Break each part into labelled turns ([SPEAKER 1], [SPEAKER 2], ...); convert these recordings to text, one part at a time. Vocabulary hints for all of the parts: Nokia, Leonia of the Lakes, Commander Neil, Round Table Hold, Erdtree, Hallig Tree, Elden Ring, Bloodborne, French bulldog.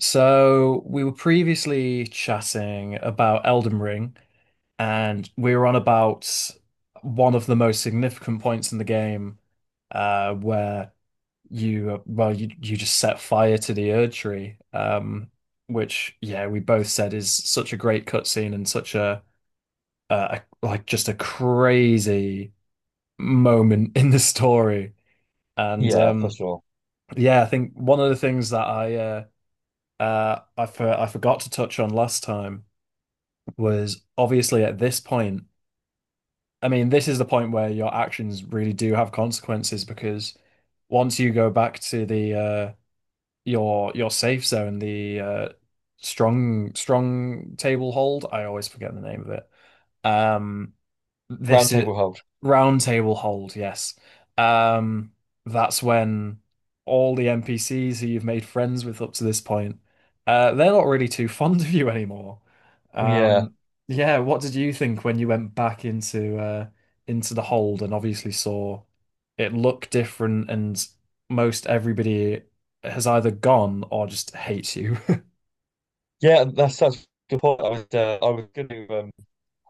[SPEAKER 1] So we were previously chatting about Elden Ring, and we were on about one of the most significant points in the game, where you well you just set fire to the Erd tree, which yeah we both said is such a great cutscene and such a like just a crazy moment in the story, and
[SPEAKER 2] Yeah, for sure.
[SPEAKER 1] yeah, I think one of the things that I forgot to touch on last time was obviously at this point. I mean, this is the point where your actions really do have consequences because once you go back to the your safe zone, the strong strong table hold, I always forget the name of it. Um
[SPEAKER 2] Round
[SPEAKER 1] this is
[SPEAKER 2] table hold.
[SPEAKER 1] Round Table Hold, yes. Um, that's when all the NPCs who you've made friends with up to this point, they're not really too fond of you anymore.
[SPEAKER 2] Yeah,
[SPEAKER 1] Um, yeah, what did you think when you went back into the hold and obviously saw it look different and most everybody has either gone or just hates you?
[SPEAKER 2] yeah, that's such a good point. I was going to,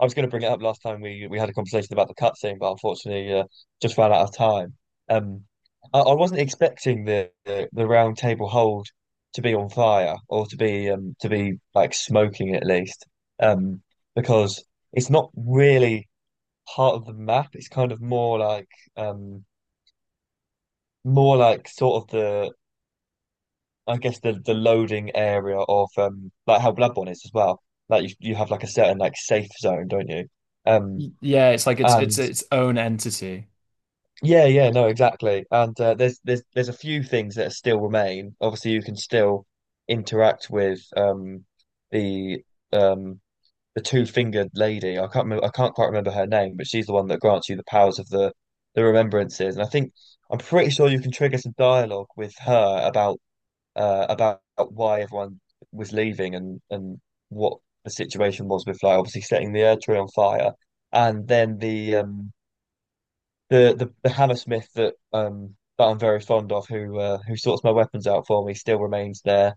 [SPEAKER 2] I was going to bring it up last time we had a conversation about the cutscene, but unfortunately, just ran out of time. Um, I wasn't expecting the round table hold to be on fire or to be like smoking at least, um, because it's not really part of the map. It's kind of um more like sort of the I guess the loading area of like how Bloodborne is as well. Like you have like a certain like safe zone, don't you? Um
[SPEAKER 1] Yeah, it's like it's
[SPEAKER 2] and
[SPEAKER 1] its own entity.
[SPEAKER 2] yeah, yeah, no, exactly. And there's a few things that still remain. Obviously, you can still interact with the um the two-fingered lady. I can't remember, I can't quite remember her name, but she's the one that grants you the powers of the remembrances. And I think I'm pretty sure you can trigger some dialogue with her about why everyone was leaving and what the situation was with like obviously setting the air tree on fire, and then the the Hammersmith that that I'm very fond of who sorts my weapons out for me still remains there.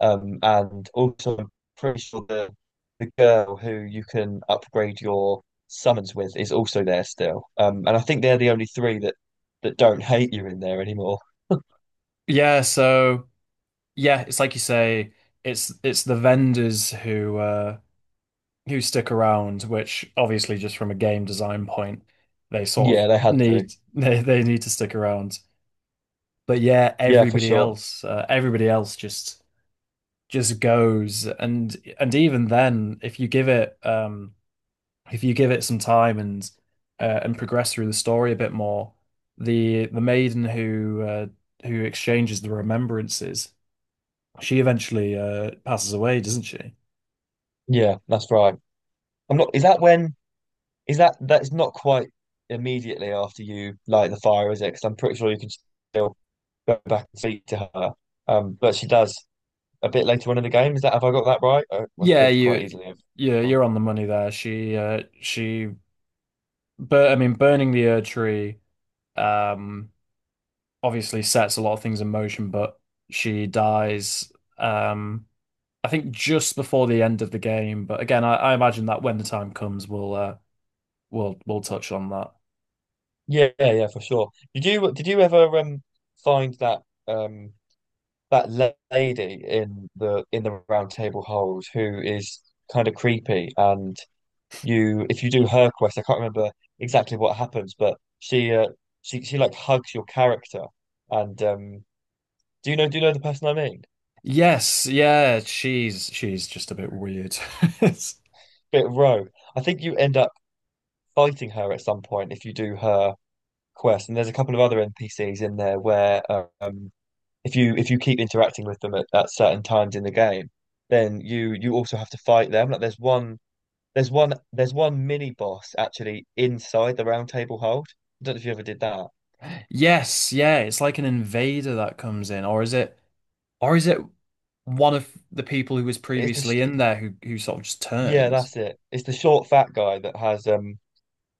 [SPEAKER 2] And also I'm pretty sure the girl who you can upgrade your summons with is also there still. And I think they're the only three that don't hate you in there anymore.
[SPEAKER 1] Yeah, so, yeah, it's like you say, it's the vendors who stick around, which obviously just from a game design point, they sort
[SPEAKER 2] Yeah,
[SPEAKER 1] of
[SPEAKER 2] they had to.
[SPEAKER 1] need they need to stick around. But yeah,
[SPEAKER 2] Yeah, for sure.
[SPEAKER 1] everybody else just goes, and even then, if you give it if you give it some time and progress through the story a bit more, the maiden who exchanges the remembrances, she eventually passes away, doesn't she?
[SPEAKER 2] Yeah, that's right. I'm not. Is that when? Is that that's not quite immediately after you light the fire, is it? Because I'm pretty sure you can still go back and speak to her. But she does a bit later on in the game. Is that have I got that right? I
[SPEAKER 1] Yeah,
[SPEAKER 2] could quite
[SPEAKER 1] you,
[SPEAKER 2] easily have.
[SPEAKER 1] yeah, you're on the money there. But I mean, burning the Ur tree, um, obviously sets a lot of things in motion. But she dies, um, I think just before the end of the game. But again, I imagine that when the time comes, we'll touch on that.
[SPEAKER 2] Yeah, yeah, yeah, for sure. Did you ever find that um that lady in the round table hold who is kind of creepy and you if you do her quest, I can't remember exactly what happens, but she she like hugs your character. And do you know the person I mean?
[SPEAKER 1] Yes, yeah, she's just a bit weird.
[SPEAKER 2] Bit Rogue. I think you end up fighting her at some point if you do her quest. And there's a couple of other NPCs in there where if you keep interacting with them at certain times in the game, then you also have to fight them. Like there's one mini boss actually inside the Round Table Hold. I don't know if you ever did that.
[SPEAKER 1] Yes, yeah, it's like an invader that comes in, or is it, or is it? One of the people who was
[SPEAKER 2] It's
[SPEAKER 1] previously
[SPEAKER 2] the
[SPEAKER 1] in there who sort of just
[SPEAKER 2] Yeah,
[SPEAKER 1] turns.
[SPEAKER 2] that's it. It's the short, fat guy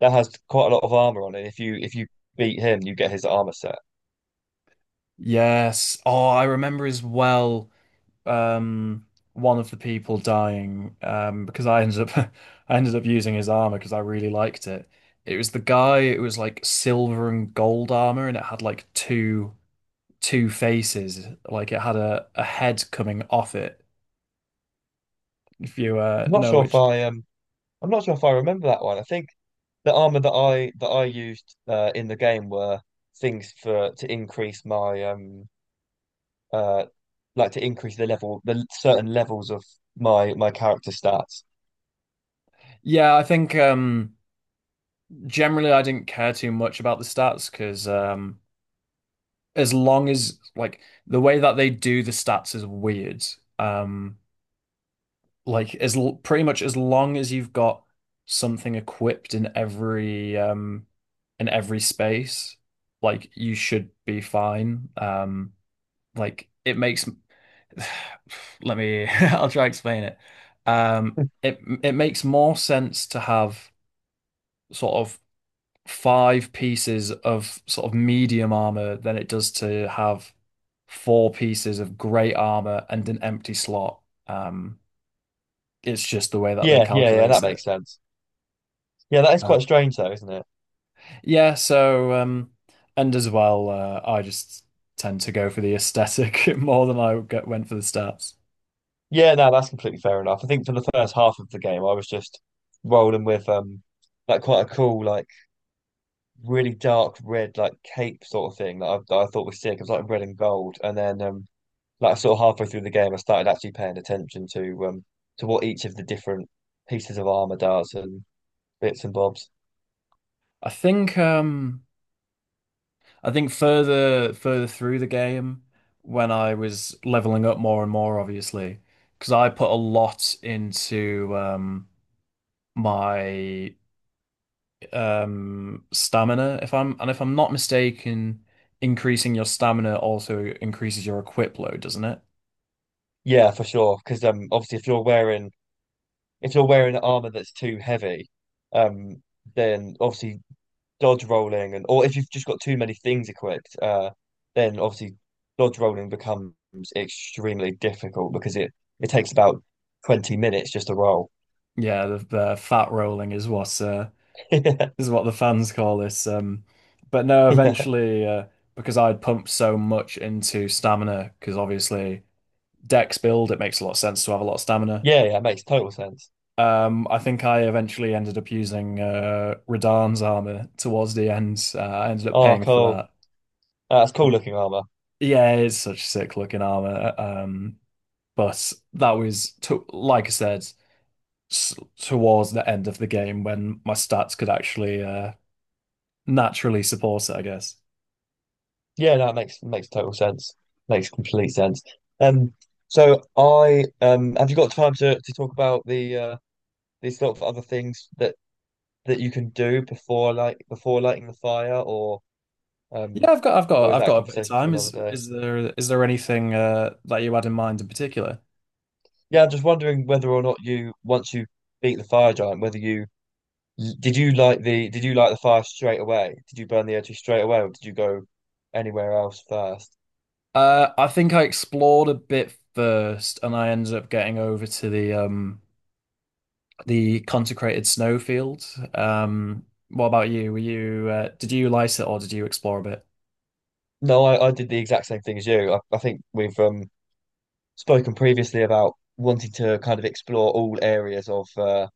[SPEAKER 2] that has quite a lot of armor on it. If you beat him, you get his armor set.
[SPEAKER 1] Yes. Oh, I remember as well um one of the people dying because I ended up I ended up using his armor because I really liked it. It was the guy, it was like silver and gold armor, and it had like two faces, like it had a head coming off it if you
[SPEAKER 2] I'm not
[SPEAKER 1] know
[SPEAKER 2] sure if
[SPEAKER 1] which.
[SPEAKER 2] I I'm not sure if I remember that one. I think the armor that I used in the game were things for to increase my uh like to increase the level the certain levels of my character stats.
[SPEAKER 1] Yeah, I think generally I didn't care too much about the stats because, as long as like, the way that they do the stats is weird. Um, like as l pretty much as long as you've got something equipped in every space, like you should be fine. Like it makes let me I'll try to explain it. It it makes more sense to have sort of five pieces of sort of medium armor than it does to have four pieces of great armor and an empty slot. Um, it's just the way that they
[SPEAKER 2] Yeah, yeah, yeah.
[SPEAKER 1] calculate
[SPEAKER 2] That
[SPEAKER 1] it.
[SPEAKER 2] makes sense. Yeah, that is quite
[SPEAKER 1] Um,
[SPEAKER 2] strange though, isn't it?
[SPEAKER 1] yeah, so and as well, I just tend to go for the aesthetic more than went for the stats.
[SPEAKER 2] Yeah, no, that's completely fair enough. I think for the first half of the game, I was just rolling with like quite a cool, like really dark red, like cape sort of thing that I thought was sick. It was like red and gold, and then like sort of halfway through the game, I started actually paying attention to what each of the different pieces of armor does and bits and bobs.
[SPEAKER 1] I think um, I think further through the game, when I was leveling up more and more, obviously, because I put a lot into my stamina, if I'm, and if I'm not mistaken, increasing your stamina also increases your equip load, doesn't it?
[SPEAKER 2] Yeah, for sure. Because obviously if you're wearing armor that's too heavy, um then obviously dodge rolling and or if you've just got too many things equipped, then obviously dodge rolling becomes extremely difficult because it takes about 20 minutes just to roll.
[SPEAKER 1] Yeah, the fat rolling is what the fans call this um. But no,
[SPEAKER 2] Yeah,
[SPEAKER 1] eventually uh, because I'd pumped so much into stamina, because obviously dex build, it makes a lot of sense to have a lot of stamina.
[SPEAKER 2] yeah, yeah, it makes total sense.
[SPEAKER 1] Um, I think I eventually ended up using Radahn's armor towards the end, I ended up
[SPEAKER 2] Oh,
[SPEAKER 1] paying for
[SPEAKER 2] cool.
[SPEAKER 1] that.
[SPEAKER 2] That's cool looking armor.
[SPEAKER 1] Yeah, it's such sick looking armor. But that was to, like I said, s towards the end of the game when my stats could actually naturally support it, I guess.
[SPEAKER 2] Yeah, that makes makes total sense. Makes complete sense. Um, so I have you got time to talk about the these sort of other things that you can do before like before lighting the fire or um, or is
[SPEAKER 1] I've
[SPEAKER 2] that a
[SPEAKER 1] got a bit of
[SPEAKER 2] conversation for
[SPEAKER 1] time.
[SPEAKER 2] another
[SPEAKER 1] Is
[SPEAKER 2] day?
[SPEAKER 1] is there is there anything that you had in mind in particular?
[SPEAKER 2] Yeah, I'm just wondering whether or not you, once you beat the fire giant, whether you did you like the did you like the fire straight away? Did you burn the energy straight away, or did you go anywhere else first?
[SPEAKER 1] I think I explored a bit first, and I ended up getting over to the consecrated snowfield. What about you? Were you did you light it or did you explore a bit?
[SPEAKER 2] No, I did the exact same thing as you. I think we've spoken previously about wanting to kind of explore all areas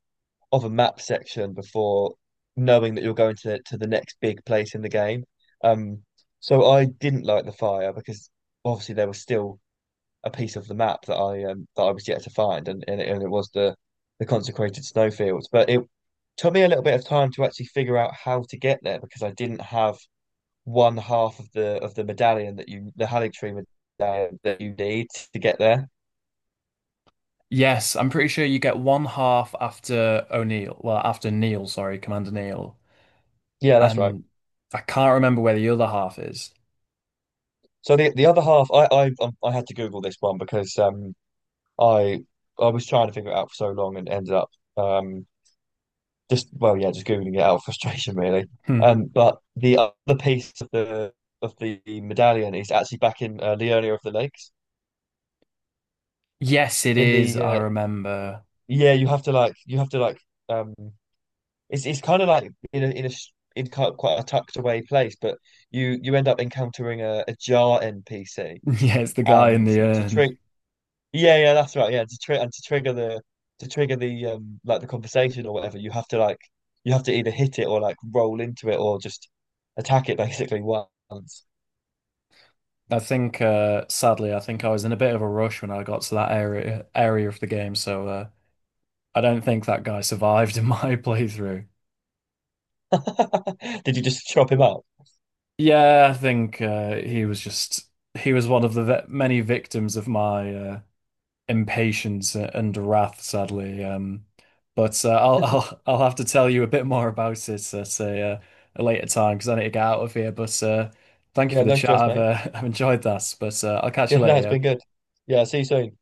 [SPEAKER 2] of a map section before knowing that you're going to the next big place in the game. Um, so I didn't like the fire because obviously there was still a piece of the map that I was yet to find, and and it was the consecrated snowfields. But it took me a little bit of time to actually figure out how to get there because I didn't have one half of the medallion that you the Hallig Tree medallion that you need to get there.
[SPEAKER 1] Yes, I'm pretty sure you get one half after O'Neill. Well, after Neil, sorry, Commander Neil.
[SPEAKER 2] Yeah, that's right.
[SPEAKER 1] And I can't remember where the other half is.
[SPEAKER 2] So the other half, I had to Google this one because I I was trying to figure it out for so long and ended up um just well, yeah, just googling it out of frustration really.
[SPEAKER 1] Hmm.
[SPEAKER 2] But the other piece of the medallion is actually back in Leonia of the Lakes.
[SPEAKER 1] Yes, it
[SPEAKER 2] In
[SPEAKER 1] is.
[SPEAKER 2] the
[SPEAKER 1] I remember.
[SPEAKER 2] yeah, you have to like you have to like um, it's kind of like in a in a in quite a tucked away place, but you end up encountering a Jar NPC,
[SPEAKER 1] Yeah, it's the guy in
[SPEAKER 2] and
[SPEAKER 1] the
[SPEAKER 2] to
[SPEAKER 1] urn.
[SPEAKER 2] trick Yeah, yeah, that's right. Yeah, to tri and to trigger the like the conversation or whatever, you have to like you have to either hit it or like roll into it or just attack it basically once.
[SPEAKER 1] I think, sadly, I think I was in a bit of a rush when I got to that area of the game, so I don't think that guy survived in my playthrough.
[SPEAKER 2] Did you just chop him up?
[SPEAKER 1] Yeah, I think he was just, he was one of the ve many victims of my impatience and wrath, sadly. But I'll I'll have to tell you a bit more about it at a later time because I need to get out of here. But thank you
[SPEAKER 2] Yeah,
[SPEAKER 1] for the
[SPEAKER 2] no
[SPEAKER 1] chat.
[SPEAKER 2] stress,
[SPEAKER 1] I've
[SPEAKER 2] mate.
[SPEAKER 1] I've enjoyed that. But I'll catch you
[SPEAKER 2] Yeah, no, it's
[SPEAKER 1] later.
[SPEAKER 2] been
[SPEAKER 1] Yeah?
[SPEAKER 2] good. Yeah, see you soon.